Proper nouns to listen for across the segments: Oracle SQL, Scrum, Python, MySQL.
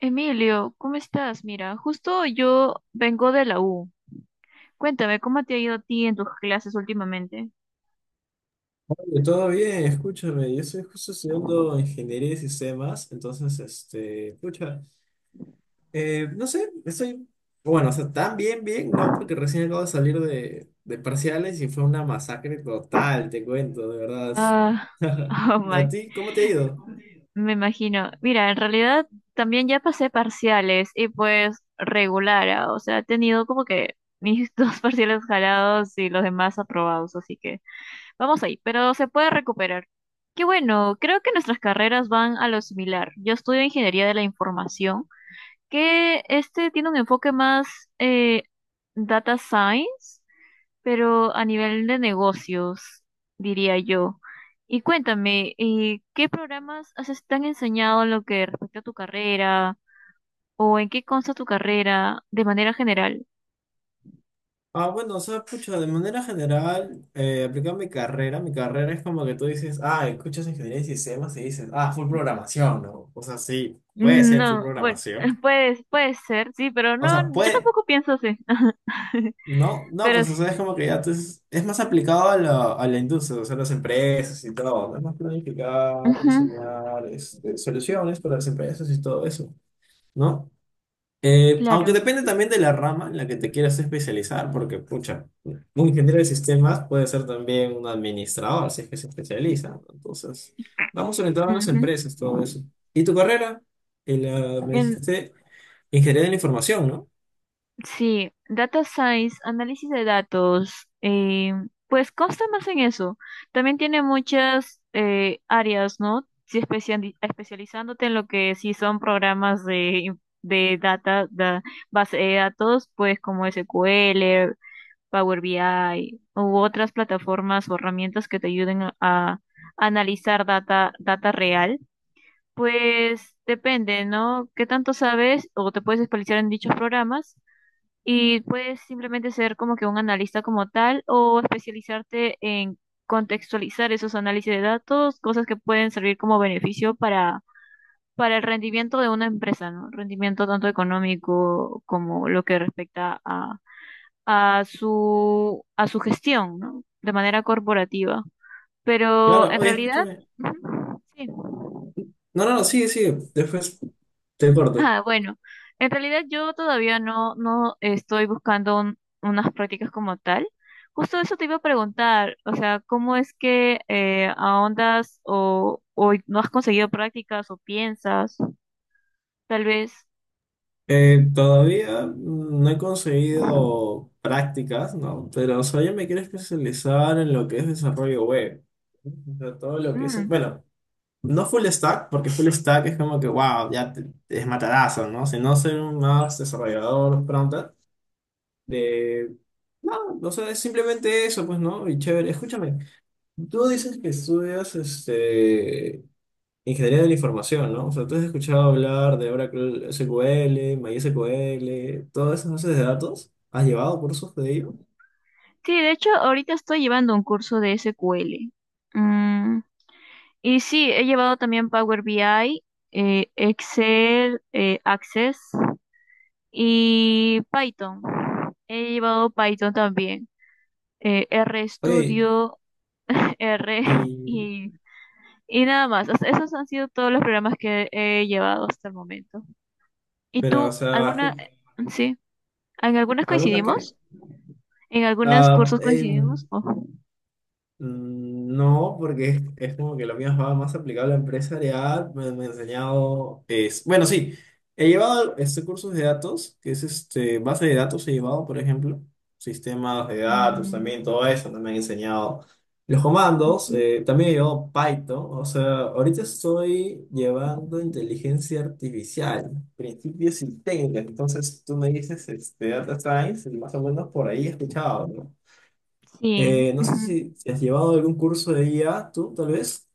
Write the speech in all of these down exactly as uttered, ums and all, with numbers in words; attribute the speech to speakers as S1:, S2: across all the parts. S1: Emilio, ¿cómo estás? Mira, justo yo vengo de la U. Cuéntame, ¿cómo te ha ido a ti en tus clases últimamente?
S2: Eh, Todo bien, escúchame, yo estoy justo estudiando ingeniería y sistemas, entonces, este, escucha, eh, no sé, estoy, bueno, o sea, tan bien, bien, ¿no? Porque recién acabo de salir de, de parciales y fue una masacre total, te cuento, de verdad.
S1: Ah, oh
S2: ¿A
S1: my,
S2: ti cómo te ha ido?
S1: me imagino. Mira, en realidad también ya pasé parciales y pues regular, ah, o sea, he tenido como que mis dos parciales jalados y los demás aprobados, así que vamos ahí, pero se puede recuperar. Qué bueno, creo que nuestras carreras van a lo similar. Yo estudio ingeniería de la información, que este tiene un enfoque más eh, data science, pero a nivel de negocios, diría yo. Y cuéntame, eh, ¿qué programas has, te han enseñado en lo que respecta a tu carrera o en qué consta tu carrera de manera general?
S2: Ah, bueno, o sea, pucha, de manera general, eh, aplicando mi carrera, mi carrera es como que tú dices, ah, escuchas ingeniería y sistemas y dices, ah, full programación, ¿no? O sea, sí, puede ser full
S1: No, bueno,
S2: programación.
S1: puede, puede ser, sí, pero
S2: O
S1: no,
S2: sea,
S1: yo
S2: puede.
S1: tampoco pienso así.
S2: No, no,
S1: Pero
S2: pues
S1: sí,
S2: o sea, es como que ya tú es, es más aplicado a la, a la industria, o sea, las empresas y todo, ¿no? Es más planificar,
S1: ujú,
S2: diseñar este, soluciones para las empresas y todo eso, ¿no? Eh, aunque
S1: claro.
S2: depende también de la rama en la que te quieras especializar, porque, pucha, un ingeniero de sistemas puede ser también un administrador, si es que se especializa, ¿no? Entonces, vamos orientados a las
S1: Ujú.
S2: empresas, todo eso. ¿Y tu carrera? Y la- me
S1: En-
S2: dijiste ingeniería de la información, ¿no?
S1: Sí, data science, análisis de datos, eh, pues consta más en eso. También tiene muchas eh, áreas, ¿no? Si especiali- especializándote en lo que sí son programas de, de data, da- base de datos, pues como S Q L, Power B I u otras plataformas o herramientas que te ayuden a, a analizar data, data real. Pues depende, ¿no? ¿Qué tanto sabes o te puedes especializar en dichos programas? Y puedes simplemente ser como que un analista como tal o especializarte en contextualizar esos análisis de datos, cosas que pueden servir como beneficio para, para el rendimiento de una empresa, ¿no? Rendimiento tanto económico como lo que respecta a, a su, a su gestión, ¿no? De manera corporativa. Pero
S2: Claro,
S1: en
S2: oye,
S1: realidad,
S2: escúchame.
S1: ujú, sí.
S2: No, no, no, sí, sí, después te corto.
S1: Ah, bueno, en realidad yo todavía no, no estoy buscando un- unas prácticas como tal. Justo eso te iba a preguntar, o sea, ¿cómo es que eh, ahondas o, o no has conseguido prácticas o piensas? Tal vez.
S2: Eh, todavía no he conseguido prácticas, ¿no? Pero, o sea, yo me quiero especializar en lo que es desarrollo web. O sea, todo lo que es,
S1: Mm.
S2: bueno, no full stack, porque full stack es como que, wow, ya te, te es matadazo, ¿no? Sino ser un más desarrollador pronto de... No, o sea, es simplemente eso, pues, ¿no? Y chévere, escúchame, tú dices que estudias, este... Ingeniería de la información, ¿no? O sea, tú has escuchado hablar de Oracle S Q L, MySQL, todas esas bases de datos. ¿Has llevado cursos de ello?
S1: Sí, de hecho, ahorita estoy llevando un curso de S Q L. Mm. Y sí, he llevado también Power B I, eh, Excel, eh, Access y Python. He llevado Python también. eh,
S2: Oye,
S1: RStudio, R
S2: y,
S1: y, y nada más. O sea, esos han sido todos los programas que he llevado hasta el momento. ¿Y
S2: pero, o
S1: tú,
S2: sea,
S1: alguna, sí, en algunas
S2: ¿alguna qué?
S1: coincidimos? ¿En algunos
S2: Ah,
S1: cursos
S2: em,
S1: coincidimos? Oh,
S2: mm, no, porque es, es como que lo mío va más aplicable a empresarial. Me, me ha enseñado. Es, bueno, sí, he llevado este cursos de datos, que es este, base de datos, he llevado, por ejemplo, sistemas de datos
S1: mm,
S2: también, todo eso. También he enseñado los comandos.
S1: ujú.
S2: Eh, también he llevado Python. O sea, ahorita estoy llevando inteligencia artificial, principios y técnicas. Entonces, tú me dices este, data science, y más o menos por ahí he escuchado, ¿no?
S1: Sí,
S2: Eh, no sé
S1: ujú.
S2: si, si has llevado algún curso de I A, tú, tal vez.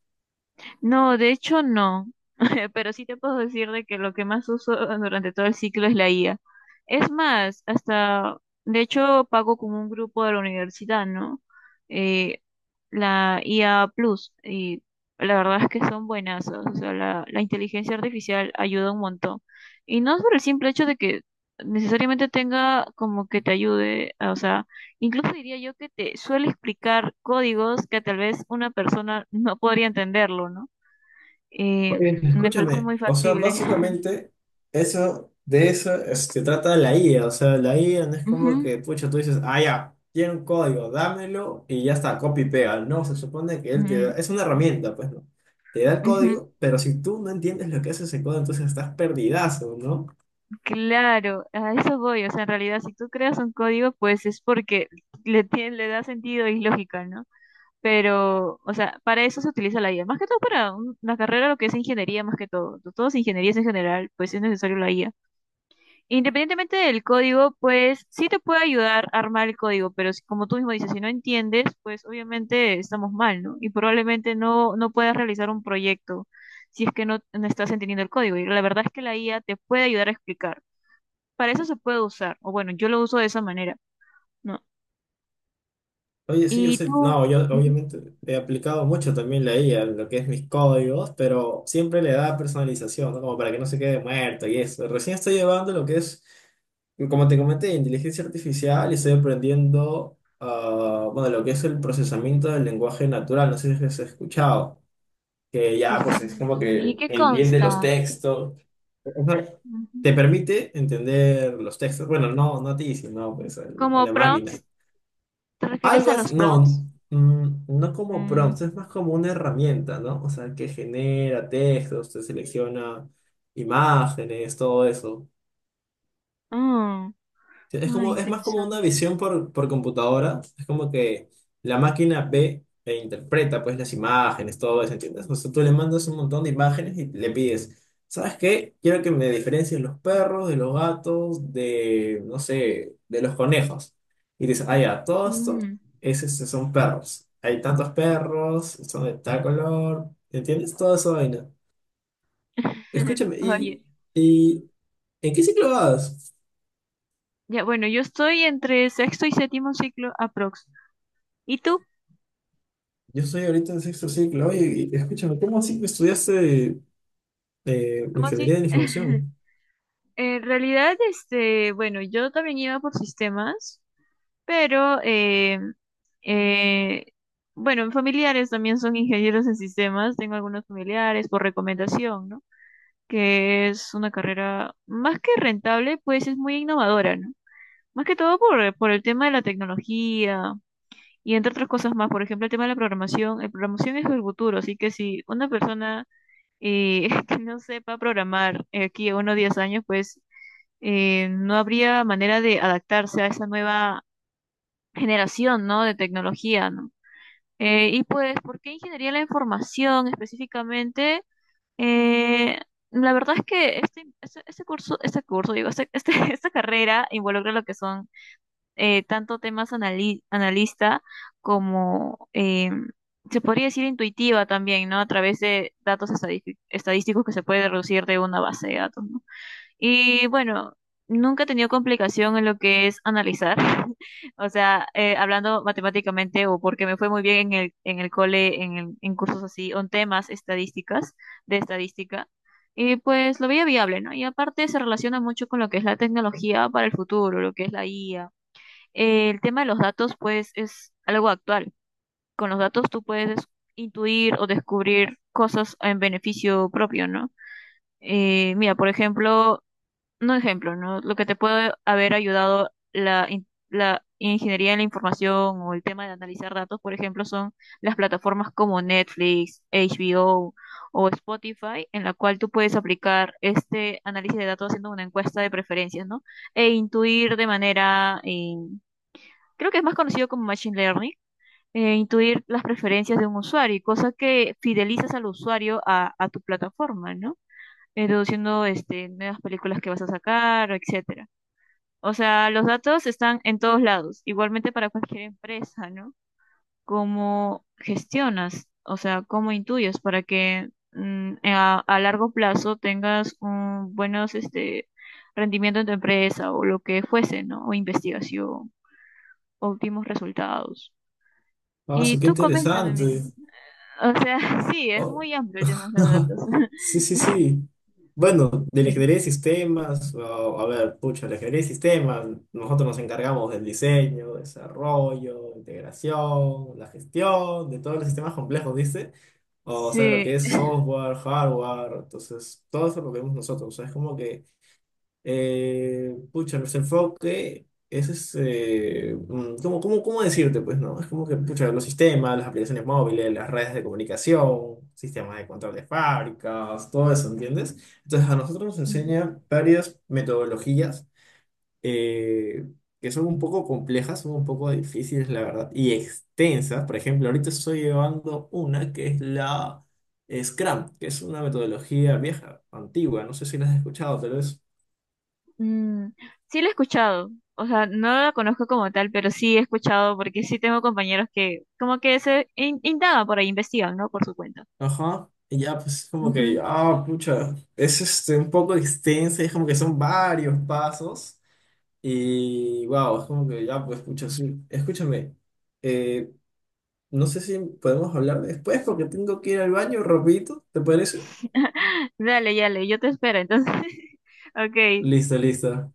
S1: No, de hecho no, pero sí te puedo decir de que lo que más uso durante todo el ciclo es la I A. Es más, hasta, de hecho, pago con un grupo de la universidad, ¿no? Eh, la I A Plus, y la verdad es que son buenas, o sea, la, la inteligencia artificial ayuda un montón. Y no es por el simple hecho de que necesariamente tenga como que te ayude, o sea, incluso diría yo que te suele explicar códigos que tal vez una persona no podría entenderlo, ¿no? Eh,
S2: Oye,
S1: Me parece
S2: escúchame,
S1: muy
S2: o sea,
S1: factible.
S2: básicamente eso, de eso es- se trata la I A, o sea, la I A no es como
S1: Ujú,
S2: que, pucha, tú dices, ah, ya, tiene un código, dámelo y ya está, copy y pega, no, se supone que él te da,
S1: mm,
S2: es una herramienta, pues, ¿no? Te da el
S1: ujú.
S2: código, pero si tú no entiendes lo que hace ese código, entonces estás perdidazo, ¿no?
S1: Claro, a eso voy. O sea, en realidad, si tú creas un código, pues es porque le, tie- le da sentido y lógica, ¿no? Pero, o sea, para eso se utiliza la I A. Más que todo para un- la carrera, lo que es ingeniería, más que todo. Todos ingenierías en general, pues es necesario la I A. Independientemente del código, pues sí te puede ayudar a armar el código, pero si, como tú mismo dices, si no entiendes, pues obviamente estamos mal, ¿no? Y probablemente no, no puedas realizar un proyecto si es que no, no estás entendiendo el código. Y la verdad es que la I A te puede ayudar a explicar. Para eso se puede usar, o bueno, yo lo uso de esa manera, ¿no?
S2: Oye, sí, yo
S1: Y
S2: soy,
S1: tú,
S2: no, yo
S1: ujú,
S2: obviamente he aplicado mucho también la I A en lo que es mis códigos, pero siempre le da personalización, ¿no? Como para que no se quede muerto y eso. Recién estoy llevando lo que es, como te comenté, inteligencia artificial y estoy aprendiendo, ah, bueno, lo que es el procesamiento del lenguaje natural, no sé si has escuchado, que ya pues es
S1: procesamiento.
S2: como
S1: ¿Y
S2: que
S1: qué
S2: entiende los
S1: consta?
S2: textos. Ajá.
S1: Ujú.
S2: Te permite entender los textos, bueno, no, no a ti, sino pues al- a
S1: Como
S2: la máquina.
S1: prompts, ¿te refieres
S2: Algo
S1: a los
S2: así,
S1: prompts?
S2: no, mm, no como
S1: Mm.
S2: prompts, es más como una herramienta, ¿no? O sea, que genera textos, te selecciona imágenes, todo eso.
S1: Ah,
S2: Sí, es
S1: ay,
S2: como, es más como una
S1: interesante.
S2: visión por, por computadora. Es como que la máquina ve e interpreta pues las imágenes, todo eso, ¿entiendes? O sea, tú le mandas un montón de imágenes y le pides, ¿sabes qué? Quiero que me diferencies los perros, de los gatos, de, no sé, de los conejos. Y dices, ah, ya, todo esto
S1: Mm.
S2: es, este, son perros. Hay tantos perros, son de tal color, ¿entiendes? Toda esa vaina. Escúchame, ¿y,
S1: Oye,
S2: ¿y en qué ciclo vas?
S1: ya bueno, yo estoy entre sexto y séptimo ciclo aprox. ¿Y tú?
S2: Yo estoy ahorita en sexto ciclo. Oye, y- escúchame, ¿cómo así que estudiaste eh,
S1: ¿Cómo así?
S2: ingeniería de la información?
S1: En realidad, este, bueno, yo también iba por sistemas, pero eh, eh, bueno, mis familiares también son ingenieros en sistemas, tengo algunos familiares por recomendación, ¿no? Que es una carrera más que rentable, pues es muy innovadora, ¿no? Más que todo por, por el tema de la tecnología, y entre otras cosas más, por ejemplo, el tema de la programación. La programación es el futuro, así que si una persona eh, que no sepa programar eh, aquí a unos diez años, pues eh, no habría manera de adaptarse a esa nueva generación, ¿no? De tecnología, ¿no? Eh, y pues, ¿por qué ingeniería de la información específicamente? Eh, la verdad es que este, este, este curso, este curso, digo, este- este- esta carrera involucra lo que son eh, tanto temas anali- analista como, eh, se podría decir intuitiva también, ¿no? A través de datos estadí- estadísticos que se puede reducir de una base de datos, ¿no? Y bueno, nunca he tenido complicación en lo que es analizar, o sea, eh, hablando matemáticamente o porque me fue muy bien en el, en el cole, en, el- en cursos así, o en temas estadísticas, de estadística. Y pues lo veía viable, ¿no? Y aparte se relaciona mucho con lo que es la tecnología para el futuro, lo que es la I A, eh, el tema de los datos, pues, es algo actual. Con los datos tú puedes intuir o descubrir cosas en beneficio propio, ¿no? Eh, mira, por ejemplo, no ejemplo, ¿no? Lo que te puede haber ayudado la, in- la ingeniería en la información o el tema de analizar datos, por ejemplo, son las plataformas como Netflix, HBO o o Spotify, en la cual tú puedes aplicar este análisis de datos haciendo una encuesta de preferencias, ¿no? E intuir de manera eh, creo que es más conocido como Machine Learning, eh, intuir las preferencias de un usuario, cosa que fidelizas al usuario a, a tu plataforma, ¿no? Eh, deduciendo este, nuevas películas que vas a sacar, etcétera. O sea, los datos están en todos lados, igualmente para cualquier empresa, ¿no? ¿Cómo gestionas? O sea, ¿cómo intuyes para que mm, a, a largo plazo tengas un, buenos este, rendimiento en tu empresa o lo que fuese, ¿no? O investigación, óptimos resultados.
S2: Ah,
S1: Y
S2: eso, qué
S1: tú coméntame, mira.
S2: interesante.
S1: O sea, sí, es
S2: Oh.
S1: muy amplio el tema de los datos.
S2: Sí, sí, sí. Bueno, de la
S1: Sí.
S2: ingeniería de sistemas, oh, a ver, pucha, la ingeniería de sistemas, nosotros nos encargamos del diseño, desarrollo, integración, la gestión, de todos los sistemas complejos, ¿viste? O sea, lo que
S1: Sí.
S2: es software, hardware, entonces, todo eso lo vemos nosotros. O sea, es como que Eh, pucha, nuestro enfoque ese es, eh, mm, ¿cómo, cómo, cómo decirte? Pues, ¿no? Es como que, pucha, los sistemas, las aplicaciones móviles, las redes de comunicación, sistemas de control de fábricas, todo eso, ¿entiendes? Entonces, a nosotros nos enseñan varias metodologías eh, que son un poco complejas, son un poco difíciles, la verdad, y extensas. Por ejemplo, ahorita estoy llevando una que es la Scrum, que es una metodología vieja, antigua, no sé si la has escuchado, tal vez.
S1: Mm, sí lo he escuchado. O sea, no la conozco como tal, pero sí he escuchado porque sí tengo compañeros que como que se in- indagan por ahí, investigan, ¿no? Por su cuenta.
S2: Ajá. Y ya, pues como que,
S1: Ujú.
S2: ah, pucha, es este, un poco extensa, es como que son varios pasos. Y wow, es como que ya, pues pucha, sí. Escúchame, eh, no sé si podemos hablar después porque tengo que ir al baño, rapidito, ¿te parece?
S1: Dale, dale, yo te espero. Entonces, ok,
S2: Listo, listo.